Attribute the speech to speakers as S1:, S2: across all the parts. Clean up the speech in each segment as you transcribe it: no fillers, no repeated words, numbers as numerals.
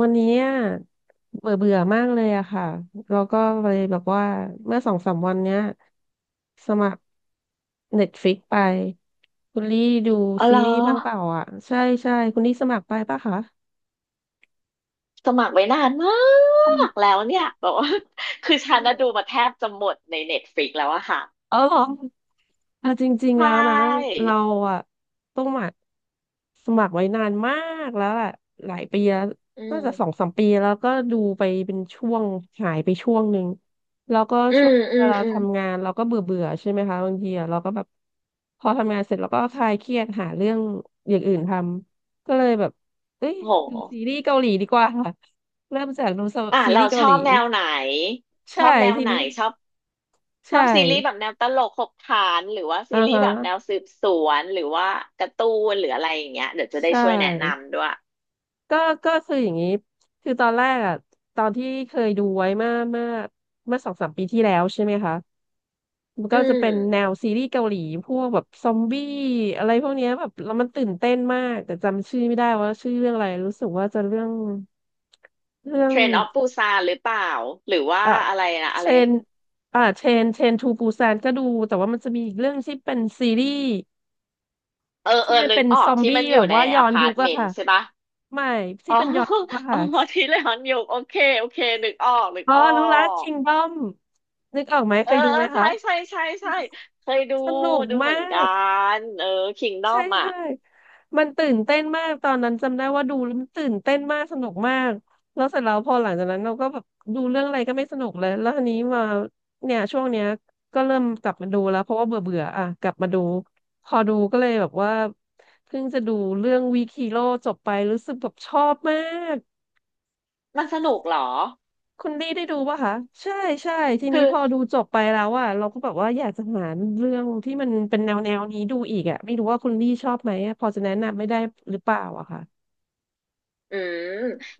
S1: วันนี้อะเบื่อเบื่อมากเลยอะค่ะแล้วก็เลยแบบว่าเมื่อสองสามวันเนี้ยสมัครเน็ตฟ i ิกไปคุณลี่ดู
S2: อ๋อเห
S1: ซี
S2: รอ
S1: รีส์บ้างเปล่าอ่ะใช่ใช่คุณลี่สมัครไปปะคะ
S2: สมัครไว้นานมากแล้วเนี่ยบอกว่า คือฉันนะดูมาแทบจะหมดในเน็ตฟ i ิกแล้วอะค่ะ
S1: เออเหรอ เอาจริง
S2: ใช
S1: ๆแล้วนะ
S2: ่
S1: เราอะต้องหมักสมัครไว้นานมากแล้วแหละหลายปีแล้ว
S2: อื
S1: น่าจะสอ
S2: ม
S1: งสามปีแล้วก็ดูไปเป็นช่วงหายไปช่วงหนึ่งแล้วก็
S2: อื
S1: ช่ว
S2: ม
S1: งเวลาทำงานเราก็เบื่อเบื่อใช่ไหมคะบางทีอะเราก็แบบพอทำงานเสร็จเราก็คลายเครียดหาเรื่องอย่างอื่นทำก็เลยแบบเอ้ยดู
S2: โห
S1: ซีรีส์เกาหลีดีกว่าค่ะเริ่มจากดู
S2: อ่ะ
S1: ซีรี
S2: เรา
S1: ส์
S2: ช
S1: เกาห
S2: อ
S1: ลี
S2: บแนวไหนช
S1: ใช่
S2: อบแนว
S1: ที่
S2: ไหน
S1: นี้
S2: ชอบชอ
S1: ใช่
S2: บซีรีส์แบบแนวตลกขบขันหรือว่าซี
S1: อ่า
S2: รีส์แบบแนว
S1: ฮะ
S2: สืบสวนหรือว่าการ์ตูนหรืออะไรอย่างเงี้ยเดี๋ยวจะได้
S1: ใช
S2: ช่วยแนะ
S1: ่
S2: นำด้วย
S1: ก็ก็คืออย่างนี้ คือตอนแรกอ่ะตอนที่เคยดูไว้เมื่อสองสามปีที่แล้วใช่ไหมคะมัน
S2: อื
S1: ก็จะ
S2: ม
S1: เป็นแนวซีรีส์เกาหลีพวกแบบซอมบี้อะไรพวกเนี้ยแบบแล้วมันตื่นเต้นมากแต่จำชื่อไม่ได้ว่าชื่อเรื่องอะไรรู้สึกว่าจะเรื่องเรื่อ
S2: เท
S1: ง
S2: รนออฟปูซานหรือเปล่าหรือว่า
S1: อ่ะ
S2: อะไรนะ
S1: เท
S2: อะ
S1: ร
S2: ไร
S1: นอ่ะเทรนทูปูซานก็ดูแต่ว่ามันจะมีอีกเรื่องที่เป็นซีรีส์
S2: เออเอ
S1: ที่
S2: อ
S1: มัน
S2: นึ
S1: เป็
S2: ก
S1: น
S2: ออ
S1: ซ
S2: ก
S1: อม
S2: ที่
S1: บี้
S2: มันอ
S1: แบ
S2: ยู่
S1: บ
S2: ใน
S1: ว่าย้
S2: อ
S1: อน
S2: พา
S1: ยุ
S2: ร์
S1: ค
S2: ตเม
S1: อะ
S2: น
S1: ค่ะ
S2: ต์ใช่ปะ
S1: ไม่
S2: อ๋
S1: ที่
S2: อ
S1: เป็นย้อนยุคอะ
S2: อ๋
S1: ค่ะ
S2: อทีเลยฮอนยุกโอเคโอเคนึกออกนึก
S1: อ๋อ
S2: ออ
S1: รู้ละ
S2: ก
S1: Kingdom นึกออกไหม
S2: เอ
S1: เค
S2: อ
S1: ยดูไหม
S2: ใช่
S1: คะ
S2: ใช่ใช่ใช่เคยดู
S1: สนุก
S2: ดูเหมือ
S1: มา
S2: นกั
S1: ก
S2: นเออคิงดอ
S1: ใช่
S2: มอ่ะ
S1: ใช่มันตื่นเต้นมากตอนนั้นจำได้ว่าดูแล้วมันตื่นเต้นมากสนุกมากแล้วเสร็จแล้วพอหลังจากนั้นเราก็แบบดูเรื่องอะไรก็ไม่สนุกเลยแล้วทีนี้มาเนี่ยช่วงเนี้ยก็เริ่มกลับมาดูแล้วเพราะว่าเบื่อเบื่ออ่ะกลับมาดูพอดูก็เลยแบบว่าเพิ่งจะดูเรื่องวีคิโร่จบไปรู้สึกแบบชอบมาก
S2: มันสนุกเหรอ
S1: คุณลี่ได้ดูป่ะคะใช่ใช่ที
S2: คือ
S1: นี้พอดูจบไปแล้วอ่ะเราก็แบบว่าอยากจะหาเรื่องที่มันเป็นแนวแนวนี้ดูอีกอ่ะไม่รู้ว่าคุณลี่ชอบไหมอะพอจะแนะนำไม่ได้หรือเปล่าอะค่ะ
S2: อืม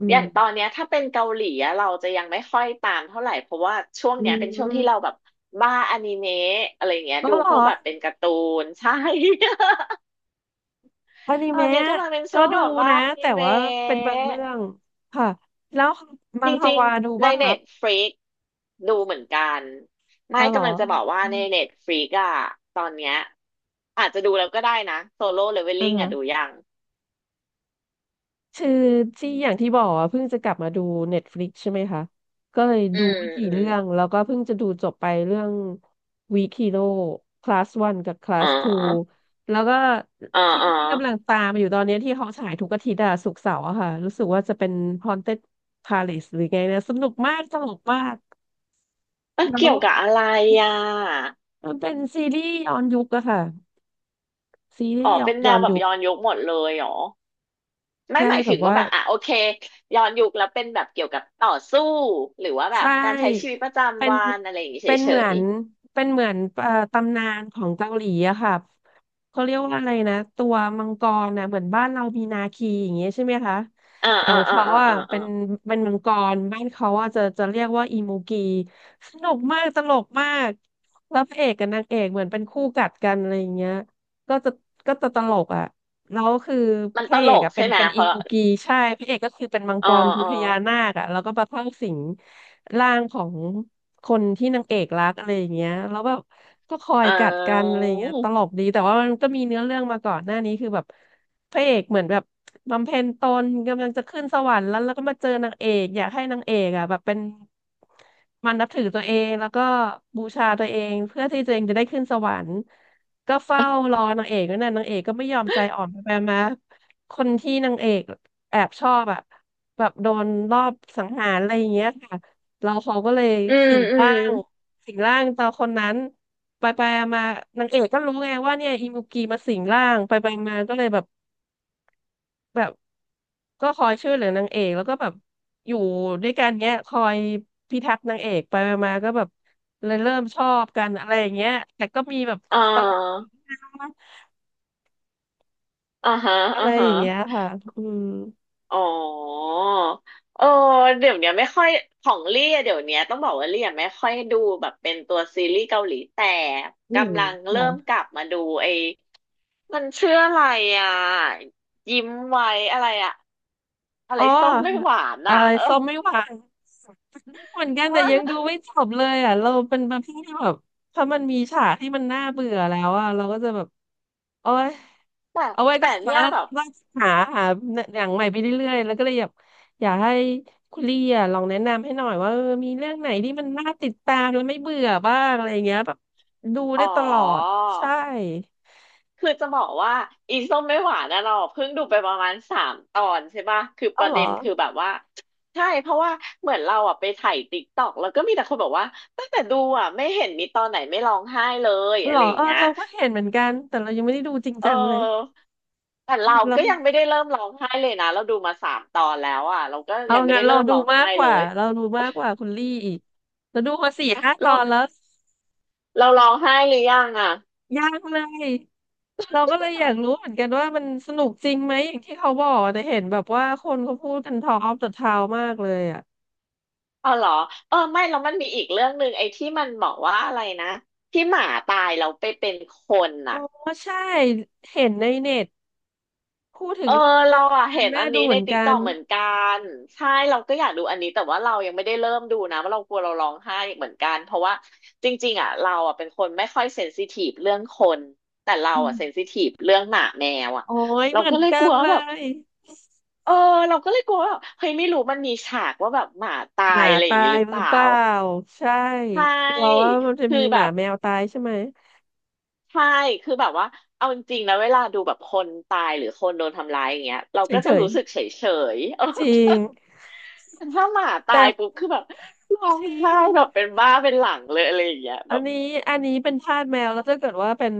S1: อื
S2: อ
S1: ม
S2: ย่างตอนเนี้ยถ้าเป็นเกาหลีอะเราจะยังไม่ค่อยตามเท่าไหร่เพราะว่าช่วง
S1: อื
S2: เนี้ยเป็นช่วง
S1: ม
S2: ที่เราแบบบ้าอนิเมะอะไรอย่างเงี้ย
S1: ก็
S2: ดู
S1: เหร
S2: พ
S1: อ
S2: วกแบบเป็นการ์ตูน ใช่
S1: อนิ
S2: ตอน
S1: เมะ
S2: เนี้ยกำลังเป็น
S1: ก็
S2: ช่วง
S1: ดู
S2: แบบบ้า
S1: นะ
S2: อนิ
S1: แต่
S2: เม
S1: ว่าเป็นบางเรื่
S2: ะ
S1: องค่ะแล้วมั
S2: จ
S1: งฮ
S2: ริง
S1: วาดู
S2: ๆใน
S1: ป่ะคะ
S2: เน็ตฟ i ิกดูเหมือนกัน
S1: เออ
S2: ไม่
S1: เหรอ
S2: กำลังจะบอกว่า
S1: อื
S2: ใน
S1: ม
S2: เน็ตฟ i ิกอะตอนเนี้ยอาจจะดูแล้วก็ได้นะโซโล่เลเวล
S1: อ
S2: ลิ่งอะดู
S1: ่า
S2: ยัง
S1: คือที่อย่างที่บอกอ่ะเพิ่งจะกลับมาดู Netflix ใช่ไหมคะก็เลย
S2: อื
S1: ดู
S2: ม
S1: ไม่กี่
S2: อืม
S1: เรื่องแล้วก็เพิ่งจะดูจบไปเรื่อง Weak Hero Class 1กับ
S2: อ๋อ
S1: Class 2แล้วก็
S2: อ๋อ
S1: ที่
S2: อ๋อ
S1: ที่กำลังตามอยู่ตอนนี้ที่เขาฉายทุกอาทิตย์อะศุกร์เสาร์อะค่ะรู้สึกว่าจะเป็น Haunted Palace หรือไงนะสนุกมากสนุกมาก
S2: มัน
S1: แล้
S2: เกี่
S1: ว
S2: ยวกับอะไรอ่ะ
S1: มันเป็นซีรีส์ย้อนยุคอะค่ะซีรี
S2: อ๋อ
S1: ส์
S2: เป็นแน
S1: ย้อ
S2: ว
S1: น
S2: แบบ
S1: ยุค
S2: ย้อนยุคหมดเลยเหรอไม่
S1: ใช่
S2: หมาย
S1: แบ
S2: ถึ
S1: บ
S2: งว่า
S1: ว่า
S2: แบบอ่ะโอเคย้อนยุคแล้วเป็นแบบเกี่ยวกับต่อสู้หรือว่าแบบ
S1: ใช่
S2: การใช้ชีวิตประ
S1: เป็
S2: จำ
S1: น
S2: วันอะไรอย่างงี้
S1: เป็น
S2: เฉ
S1: เหมือ
S2: ย
S1: นเป็นเหมือนตำนานของเกาหลีอะค่ะเขาเรียกว่าอะไรนะตัวมังกรนะเหมือนบ้านเรามีนาคีอย่างเงี้ยใช่ไหมคะ
S2: ๆอ่า
S1: แต่ของเขาอะเป็นเป็นมังกรบ้านเขาอะจะเรียกว่าอีมูกีสนุกมากตลกมากแล้วพระเอกกับนางเอกเหมือนเป็นคู่กัดกันอะไรอย่างเงี้ยก็จะก็จะตลกอะ แล้วคือ
S2: มัน
S1: พ
S2: ต
S1: ระเอ
S2: ล
S1: ก
S2: ก
S1: อะเป็
S2: ใช่
S1: น
S2: ไหม
S1: เป็น
S2: เพ
S1: อี
S2: ราะ
S1: มูกีใช่พระเอกก็คือเป็นมัง
S2: อ๋
S1: ก
S2: อ
S1: รเป็น
S2: อ๋อ
S1: พญานาคอะแล้วก็มาเข้าสิงร่างของคนที่นางเอกรักอะไรอย่างเงี้ยแล้วแบบก็คอย
S2: อ่
S1: กัดกันอะ
S2: า
S1: ไรอย่างเงี้ยตลกดีแต่ว่ามันก็มีเนื้อเรื่องมาก่อนหน้านี้คือแบบพระเอกเหมือนแบบบำเพ็ญตนกำลังจะขึ้นสวรรค์แล้วแล้วก็มาเจอนางเอกอยากให้นางเอกอะแบบเป็นมันนับถือตัวเองแล้วก็บูชาตัวเองเพื่อที่ตัวเองจะได้ขึ้นสวรรค์ ก็เฝ้ารอนางเอกนั่นน่ะนางเอกก็ไม่ยอมใจอ่อนไปไปมาคนที่นางเอกแอบชอบอ่ะแบบโดนรอบสังหารอะไรอย่างเงี้ยค่ะเราเขาก็เลย
S2: อื
S1: สิ
S2: ม
S1: ง
S2: อื
S1: ร่า
S2: ม
S1: งสิงร่างตาคนนั้นไปไปมานางเอกก็รู้ไงว่าเนี่ยอิมุกีมาสิงร่างไปไปมาก็เลยแบบก็คอยช่วยเหลือนางเอกแล้วก็แบบอยู่ด้วยกันเนี้ยคอยพิทักษ์นางเอกไปไปมาก็แบบเลยเริ่มชอบกันอะไรอย่างเงี้ยแต่ก็มีแบบ
S2: อ่
S1: ตลก
S2: าอ่าฮะ
S1: อะ
S2: อ่า
S1: ไรอ
S2: ฮะ
S1: ย่างเงี้ยค่ะอืม
S2: อ๋อเออเดี๋ยวเนี้ยไม่ค่อยของเลี่ยเดี๋ยวเนี้ยต้องบอกว่าเลี่ยไม่ค่อยดูแบบเป็นตัวซีรีส์เกาหลีแต่
S1: อืม
S2: กำลังเริ่ม
S1: ค่ะ
S2: กลับมาดูไอ้มันชื่ออะไรอ่ะยิ้มไว้อะไรอ่ะอะไร
S1: อ๋
S2: ส้มไม่ห
S1: อ
S2: วาน
S1: เออ
S2: อ่ะเออ
S1: ส้มไม่หวานเหมือนกั
S2: เ
S1: นแต่ยังดู
S2: ออ
S1: ไม่จบเลยอ่ะเราเป็นประเภทที่แบบถ้ามันมีฉากที่มันน่าเบื่อแล้วอ่ะเราก็จะแบบโอ๊ย
S2: แต่
S1: เอาไว้ก็
S2: แต่
S1: หา
S2: เนี่ยแบบ
S1: หาหาหาหนังใหม่ไปเรื่อยๆแล้วก็เลยอยากให้คุณลี่อ่ะลองแนะนำให้หน่อยว่ามีเรื่องไหนที่มันน่าติดตามแล้วไม่เบื่อบ้างอะไรเงี้ยแบบดู
S2: อ๋
S1: ได้
S2: อ
S1: ตลอดใช่
S2: คือจะบอกว่าอีส้มไม่หวานนะเราเพิ่งดูไปประมาณสามตอนใช่ปะคือป
S1: เอา
S2: ระ
S1: เหร
S2: เด็
S1: อ
S2: นคือแบบว่าใช่เพราะว่าเหมือนเราอ่ะไปถ่ายติ๊กต็อกแล้วก็มีแต่คนบอกว่าตั้งแต่ดูอ่ะไม่เห็นมีตอนไหนไม่ร้องไห้เลย
S1: หร
S2: อะ
S1: อ
S2: ไรอย่า
S1: เอ
S2: ง
S1: อ
S2: เงี้ย
S1: เราก็เห็นเหมือนกัน แต่เรายังไม่ได้ดูจริง
S2: เอ
S1: จังเลย
S2: อแต่เรา
S1: เรา
S2: ก็ยังไม่ได้เริ่มร้องไห้เลยนะเราดูมาสามตอนแล้วอ่ะเราก็
S1: เอา
S2: ยังไม่
S1: งั้
S2: ได้
S1: นเรา
S2: เริ่ม
S1: ดู
S2: ร้อง
S1: มาก
S2: ไห้
S1: ก
S2: เล
S1: ว่า
S2: ย
S1: เราดูมากกว่าคุณลี่อีกเราดูมาสี่ห้าต
S2: เรา
S1: อนแล้ว
S2: เราร้องไห้หรือยังอ่ะ
S1: ยากเลยเราก็เลยอยากรู้เหมือนกันว่ามันสนุกจริงไหมอย่างที่เขาบอกแต่เห็นแบบว่าคนเขาพูดกันทอล์ก a อ k of the t o w มากเลยอ่ะ
S2: อ๋อเหรอเออไม่แล้วมันมีอีกเรื่องหนึ่งไอ้ที่มันบอกว่าอะไรนะที่หมาตายเราไปเป็นคน
S1: อ๋
S2: น่ะ
S1: อใช่เห็นในเน็ตพูดถึ
S2: เอ
S1: ง
S2: อ
S1: เรื่อง
S2: เราอะ
S1: การ
S2: เห็น
S1: น่า
S2: อัน
S1: ดู
S2: นี้
S1: เห
S2: ใน
S1: มือน
S2: ติ๊ก
S1: กั
S2: ต็
S1: น
S2: อกเหมือนกันใช่เราก็อยากดูอันนี้แต่ว่าเรายังไม่ได้เริ่มดูนะเพราะเรากลัวเราร้องไห้เหมือนกันเพราะว่าจริงๆอ่ะเราอ่ะเป็นคนไม่ค่อยเซนซิทีฟเรื่องคนแต่เรา
S1: อื
S2: อ่ะ
S1: ม
S2: เซนซิทีฟเรื่องหมาแมวอ่ะ
S1: โอ้ย
S2: เรา
S1: เหมือ
S2: ก็
S1: น
S2: เลย
S1: กั
S2: กลั
S1: น
S2: ว
S1: เล
S2: ว่าแบบ
S1: ย
S2: เออเราก็เลยกลัวว่าแบบเฮ้ยไม่รู้มันมีฉากว่าแบบหมาตา
S1: ห
S2: ย
S1: มา
S2: อะไรอย่า
S1: ตา
S2: งนี้
S1: ย
S2: หรือ
S1: ห
S2: เป
S1: รือ
S2: ล่า
S1: เปล่าใช่
S2: ใช
S1: กลัวว่า
S2: ่
S1: มันจะ
S2: คื
S1: มี
S2: อ
S1: ห
S2: แบ
S1: มา
S2: บ
S1: แมวตายใช่ไหม
S2: ใช่คือแบบว่าเอาจริงๆนะเวลาดูแบบคนตายหรือคนโดนทำร้ายอย่างเงี้ยเราก็
S1: เฉย
S2: จะรู้สึกเฉยๆ เออ
S1: ๆจริง
S2: ถ้าหมาตา
S1: แต่
S2: ยปุ๊บคือแบบร้อ
S1: จ
S2: ง
S1: ริ
S2: ไห้
S1: ง
S2: แบบเป็นบ้าเป็นหลังเลยอะไรอย่างเงี้ย
S1: อั
S2: แบ
S1: น
S2: บ
S1: นี้อันนี้เป็นทาสแมวแล้วถ้าเกิดว่าเป็น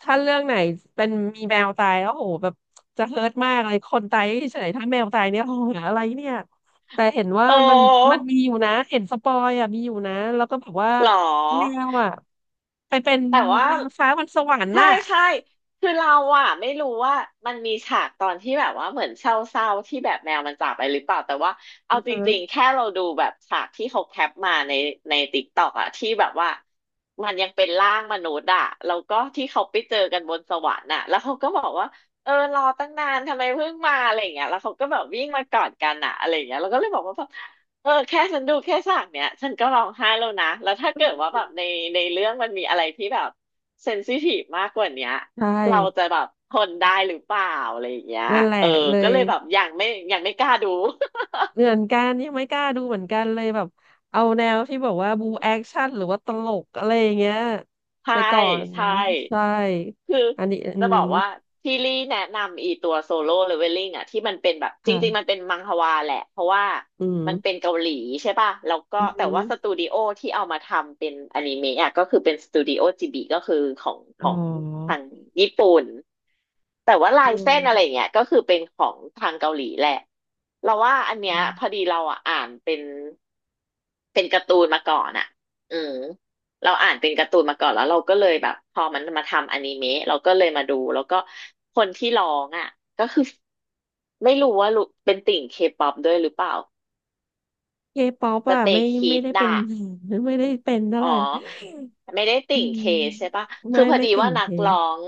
S1: ถ้าเรื่องไหนเป็นมีแมวตายแล้วโหแบบจะเฮิร์ตมากเลยคนตายเฉยๆถ้าแมวตายเนี่ยโหอะไรเนี่ยแต่เห็นว่า
S2: โอ้
S1: มันมีอยู่นะเห็นสปอยอ่ะมีอยู่นะแล้วก็แบบว่า
S2: หรอ
S1: แมวอ่ะไปเป็น
S2: แต่ว่า
S1: นางฟ้าบนสวรรค์
S2: ใช่
S1: น่ะ
S2: ใช่คือเราอะไม่รู้ว่ามันมีฉากตอนที่แบบว่าเหมือนเศร้าๆที่แบบแมวมันจากไปหรือเปล่าแต่ว่า
S1: อื
S2: เอา
S1: อ
S2: จ
S1: ฮะ
S2: ริงๆแค่เราดูแบบฉากที่เขาแคปมาในติ๊กต็อกอะที่แบบว่ามันยังเป็นร่างมนุษย์อะแล้วก็ที่เขาไปเจอกันบนสวรรค์อะแล้วเขาก็บอกว่าเออรอตั้งนานทำไมเพิ่งมาอะไรอย่างเงี้ยแล้วเขาก็แบบวิ่งมากอดกันอะอะไรอย่างเงี้ยเราก็เลยบอกว่า เออแค่ฉันดูแค่ฉากเนี้ยฉันก็ร้องไห้แล้วนะแล้วถ้าเกิดว่าแบบในเรื่องมันมีอะไรที่แบบเซนซิทีฟมากกว่าเนี้ย
S1: ใช่
S2: เราจะแบบทนได้หรือเปล่าอะไรอย่างเงี้ย
S1: นั่นแห
S2: เอ
S1: ละ
S2: อ
S1: เล
S2: ก็
S1: ย
S2: เลยแบบยังไม่กล้าดู
S1: เหมือนกันยังไม่กล้าดูเหมือนกันเลยแบบเอาแนวที่บอกว่าบูแอคชั่นหรือว่าตลกอะไรอย่างเงี้ย ไป
S2: ใช่
S1: ก่อน
S2: ใช่
S1: ใช่
S2: คือ
S1: อันนี้อื
S2: จะ
S1: ม
S2: บอกว่าที่ลี่แนะนำอีตัวโซโล่เลเวลลิ่งอะที่มันเป็นแบบจริงๆมัน
S1: ค่ะ
S2: เป็นมังฮวาแหละเพราะว่า
S1: อืม
S2: มันเป็นเกาหลีใช่ป่ะแล้วก็
S1: อื
S2: แต่ว่าสตู
S1: ม
S2: ดิโอที่เอามาทำเป็นอนิเมะอะก็คือเป็นสตูดิโอจิบิก็คือของข
S1: อ๋
S2: อ
S1: อ
S2: งทางญี่ปุ่นแต่ว่าลา
S1: อื
S2: ยเส้นอะไร
S1: ม
S2: เงี้ยก็คือเป็นของทางเกาหลีแหละเราว่าอันเนี้ยพอดีเราอะอ่านเป็นการ์ตูนมาก่อนอะอืม เราอ่านเป็นการ์ตูนมาก่อนแล้วเราก็เลยแบบพอมันมาทำอนิเมะเราก็เลยมาดูแล้วก็คนที่ร้องอ่ะก็คือไม่รู้ว่ารู้เป็นติ่งเคป๊อปด้วยหรือเปล่า
S1: เคป๊อป
S2: ส
S1: อ่ะ
S2: เต
S1: ไม่
S2: ย์คิ
S1: ไม่
S2: ด
S1: ได้เป็น
S2: ด่ะ
S1: ไม่ได้เป็นเท่า
S2: อ๋อ
S1: ไหร่
S2: ไม่ได้
S1: อื
S2: ติ่ง
S1: ม
S2: เคใช่ปะ
S1: ไม่
S2: คือพอ
S1: ไม่
S2: ดี
S1: ติ่
S2: ว่า
S1: งเค
S2: ง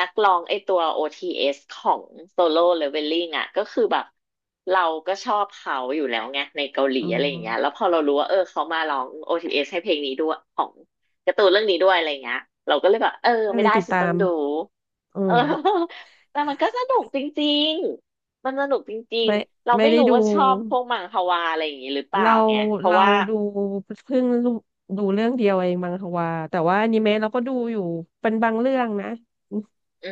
S2: นักร้องไอตัว OTS ของโซโล่เลเวลลิ่งอ่ะก็คือแบบเราก็ชอบเขาอยู่แล้วไงในเกาหลี
S1: อ๋อ
S2: อะไรอย่างเงี้ยแล้วพอเรารู้ว่าเออเขามาร้อง OTS ให้เพลงนี้ด้วยของการ์ตูนเรื่องนี้ด้วยอะไรเงี้ยเราก็เลยแบบเออ
S1: ก็เล
S2: ไม่
S1: ย
S2: ได้
S1: ติด
S2: ฉัน
S1: ตา
S2: ต้อง
S1: ม
S2: ดู
S1: อื
S2: เออ
S1: ม
S2: แต่มันก็สนุกจริงๆมันสนุกจริง
S1: ไม่
S2: ๆเรา
S1: ไม่
S2: ไม่
S1: ได้
S2: รู้
S1: ดู
S2: ว่าชอบพวกมังฮวาอะไรอย่างงี้หรือเปล่า
S1: เรา
S2: ไงเพราะ
S1: เรา
S2: ว่า
S1: ดูเพิ่งรู้ดูเรื่องเดียวเองมังควาแต่ว่าอนิเมะเราก็ดูอยู่เป็นบางเรื่องนะ
S2: อื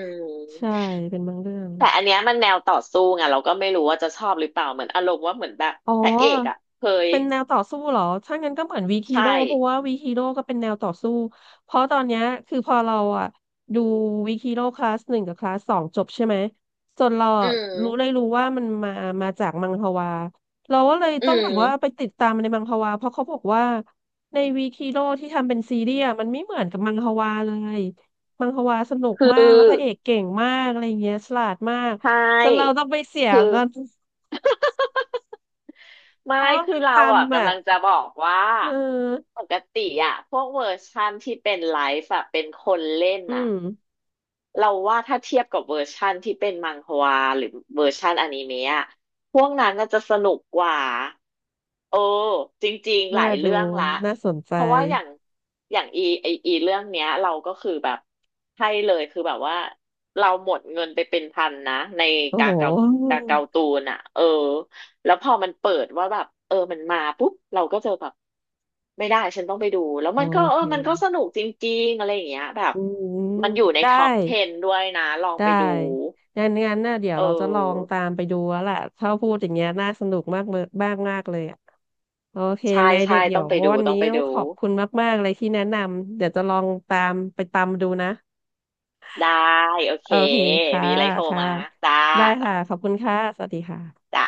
S1: ใช่
S2: ม
S1: เป็นบางเรื่อง
S2: แต่อันเนี้ยมันแนวต่อสู้ไงเราก็ไม่รู้ว่าจะชอบหรือเปล่าเหมือนอารมณ์ว่าเหมือนแบบ
S1: อ๋อ
S2: พระเอกอ่ะเคย
S1: เป็นแนวต่อสู้เหรอถ้างั้นก็เหมือนวีคี
S2: ใช่
S1: โร่เพราะว่าวีคีโร่ก็เป็นแนวต่อสู้เพราะตอนเนี้ยคือพอเราอะดูวีคีโร่คลาสหนึ่งกับคลาสสองจบใช่ไหมส่วนเรา
S2: อื
S1: อะรู้เลย
S2: ม
S1: รู้ว่ามันมามาจากมังฮวาเราก็เลย
S2: อื
S1: ต้องแบบว่าไป
S2: ม
S1: ติดตามในมังฮวาเพราะเขาบอกว่าในวีคีโร่ที่ทำเป็นซีรีส์อะมันไม่เหมือนกับมังฮวาเลยมังฮวาสนุก
S2: คื
S1: มา
S2: อ
S1: กแล้วพระเอกเก่งมากอะไรเงี้ยฉลาดมาก
S2: ใช
S1: จนเรา
S2: ่
S1: ต้องไปเสีย
S2: คือ
S1: เงิน
S2: ไม่
S1: เราต้อง
S2: คื
S1: ไป
S2: อ
S1: ท
S2: เราอ่ะ
S1: ำอ่ะ
S2: กำลังจะบอกว่า
S1: เออ
S2: ปกติอ่ะพวกเวอร์ชันที่เป็นไลฟ์อ่ะเป็นคนเล่น
S1: อื
S2: อ่ะ
S1: ม
S2: เราว่าถ้าเทียบกับเวอร์ชันที่เป็นมังฮวาหรือเวอร์ชันอนิเมะอะพวกนั้นน่าจะสนุกกว่า เออจริงๆห
S1: น่า
S2: ลาย
S1: ดู
S2: เรื่องละ
S1: น่าสนใจ
S2: เพราะว่าอย่างอีไออีเรื่องเนี้ยเราก็คือแบบให้เลยคือแบบว่าเราหมดเงินไปเป็นพันนะใน
S1: โอ้
S2: กา
S1: โห
S2: เกากาเกาตูนอ่ะเออแล้วพอมันเปิดว่าแบบเออมันมาปุ๊บเราก็จะแบบไม่ได้ฉันต้องไปดูแล้ว
S1: โอ
S2: มันก็เอ
S1: เค
S2: อมันก็สนุกจริงๆอะไรอย่างเงี้ยแบบ
S1: อืม
S2: มันอยู่ใน
S1: ได้
S2: ท็อป10ด้วยนะลอง
S1: ได้
S2: ไปดู
S1: งั้นน่ะเดี๋ยว
S2: เ
S1: เราจะลอง
S2: ออ
S1: ตามไปดูแล้วแหละถ้าพูดอย่างเงี้ยน่าสนุกมากเมมากมากเลยอะโอเค
S2: ใช่
S1: ไงเดี๋
S2: ใช่
S1: ยวเดี๋ย
S2: ต้อ
S1: ว
S2: งไปดู
S1: วัน
S2: ต้อ
S1: นี้
S2: งไป
S1: ต้อง
S2: ดู
S1: ขอบคุณมากๆเลยที่แนะนำ เดี๋ยวจะลองตามไปตามดูนะ
S2: ได้โอเค
S1: โอเคค่ะ
S2: มีอะไรโทร
S1: ค่ะ
S2: มาจ้า
S1: ได้ค่ะข
S2: จ้า
S1: อบคุณค่ะ สวัสดีค่ะ
S2: จ้า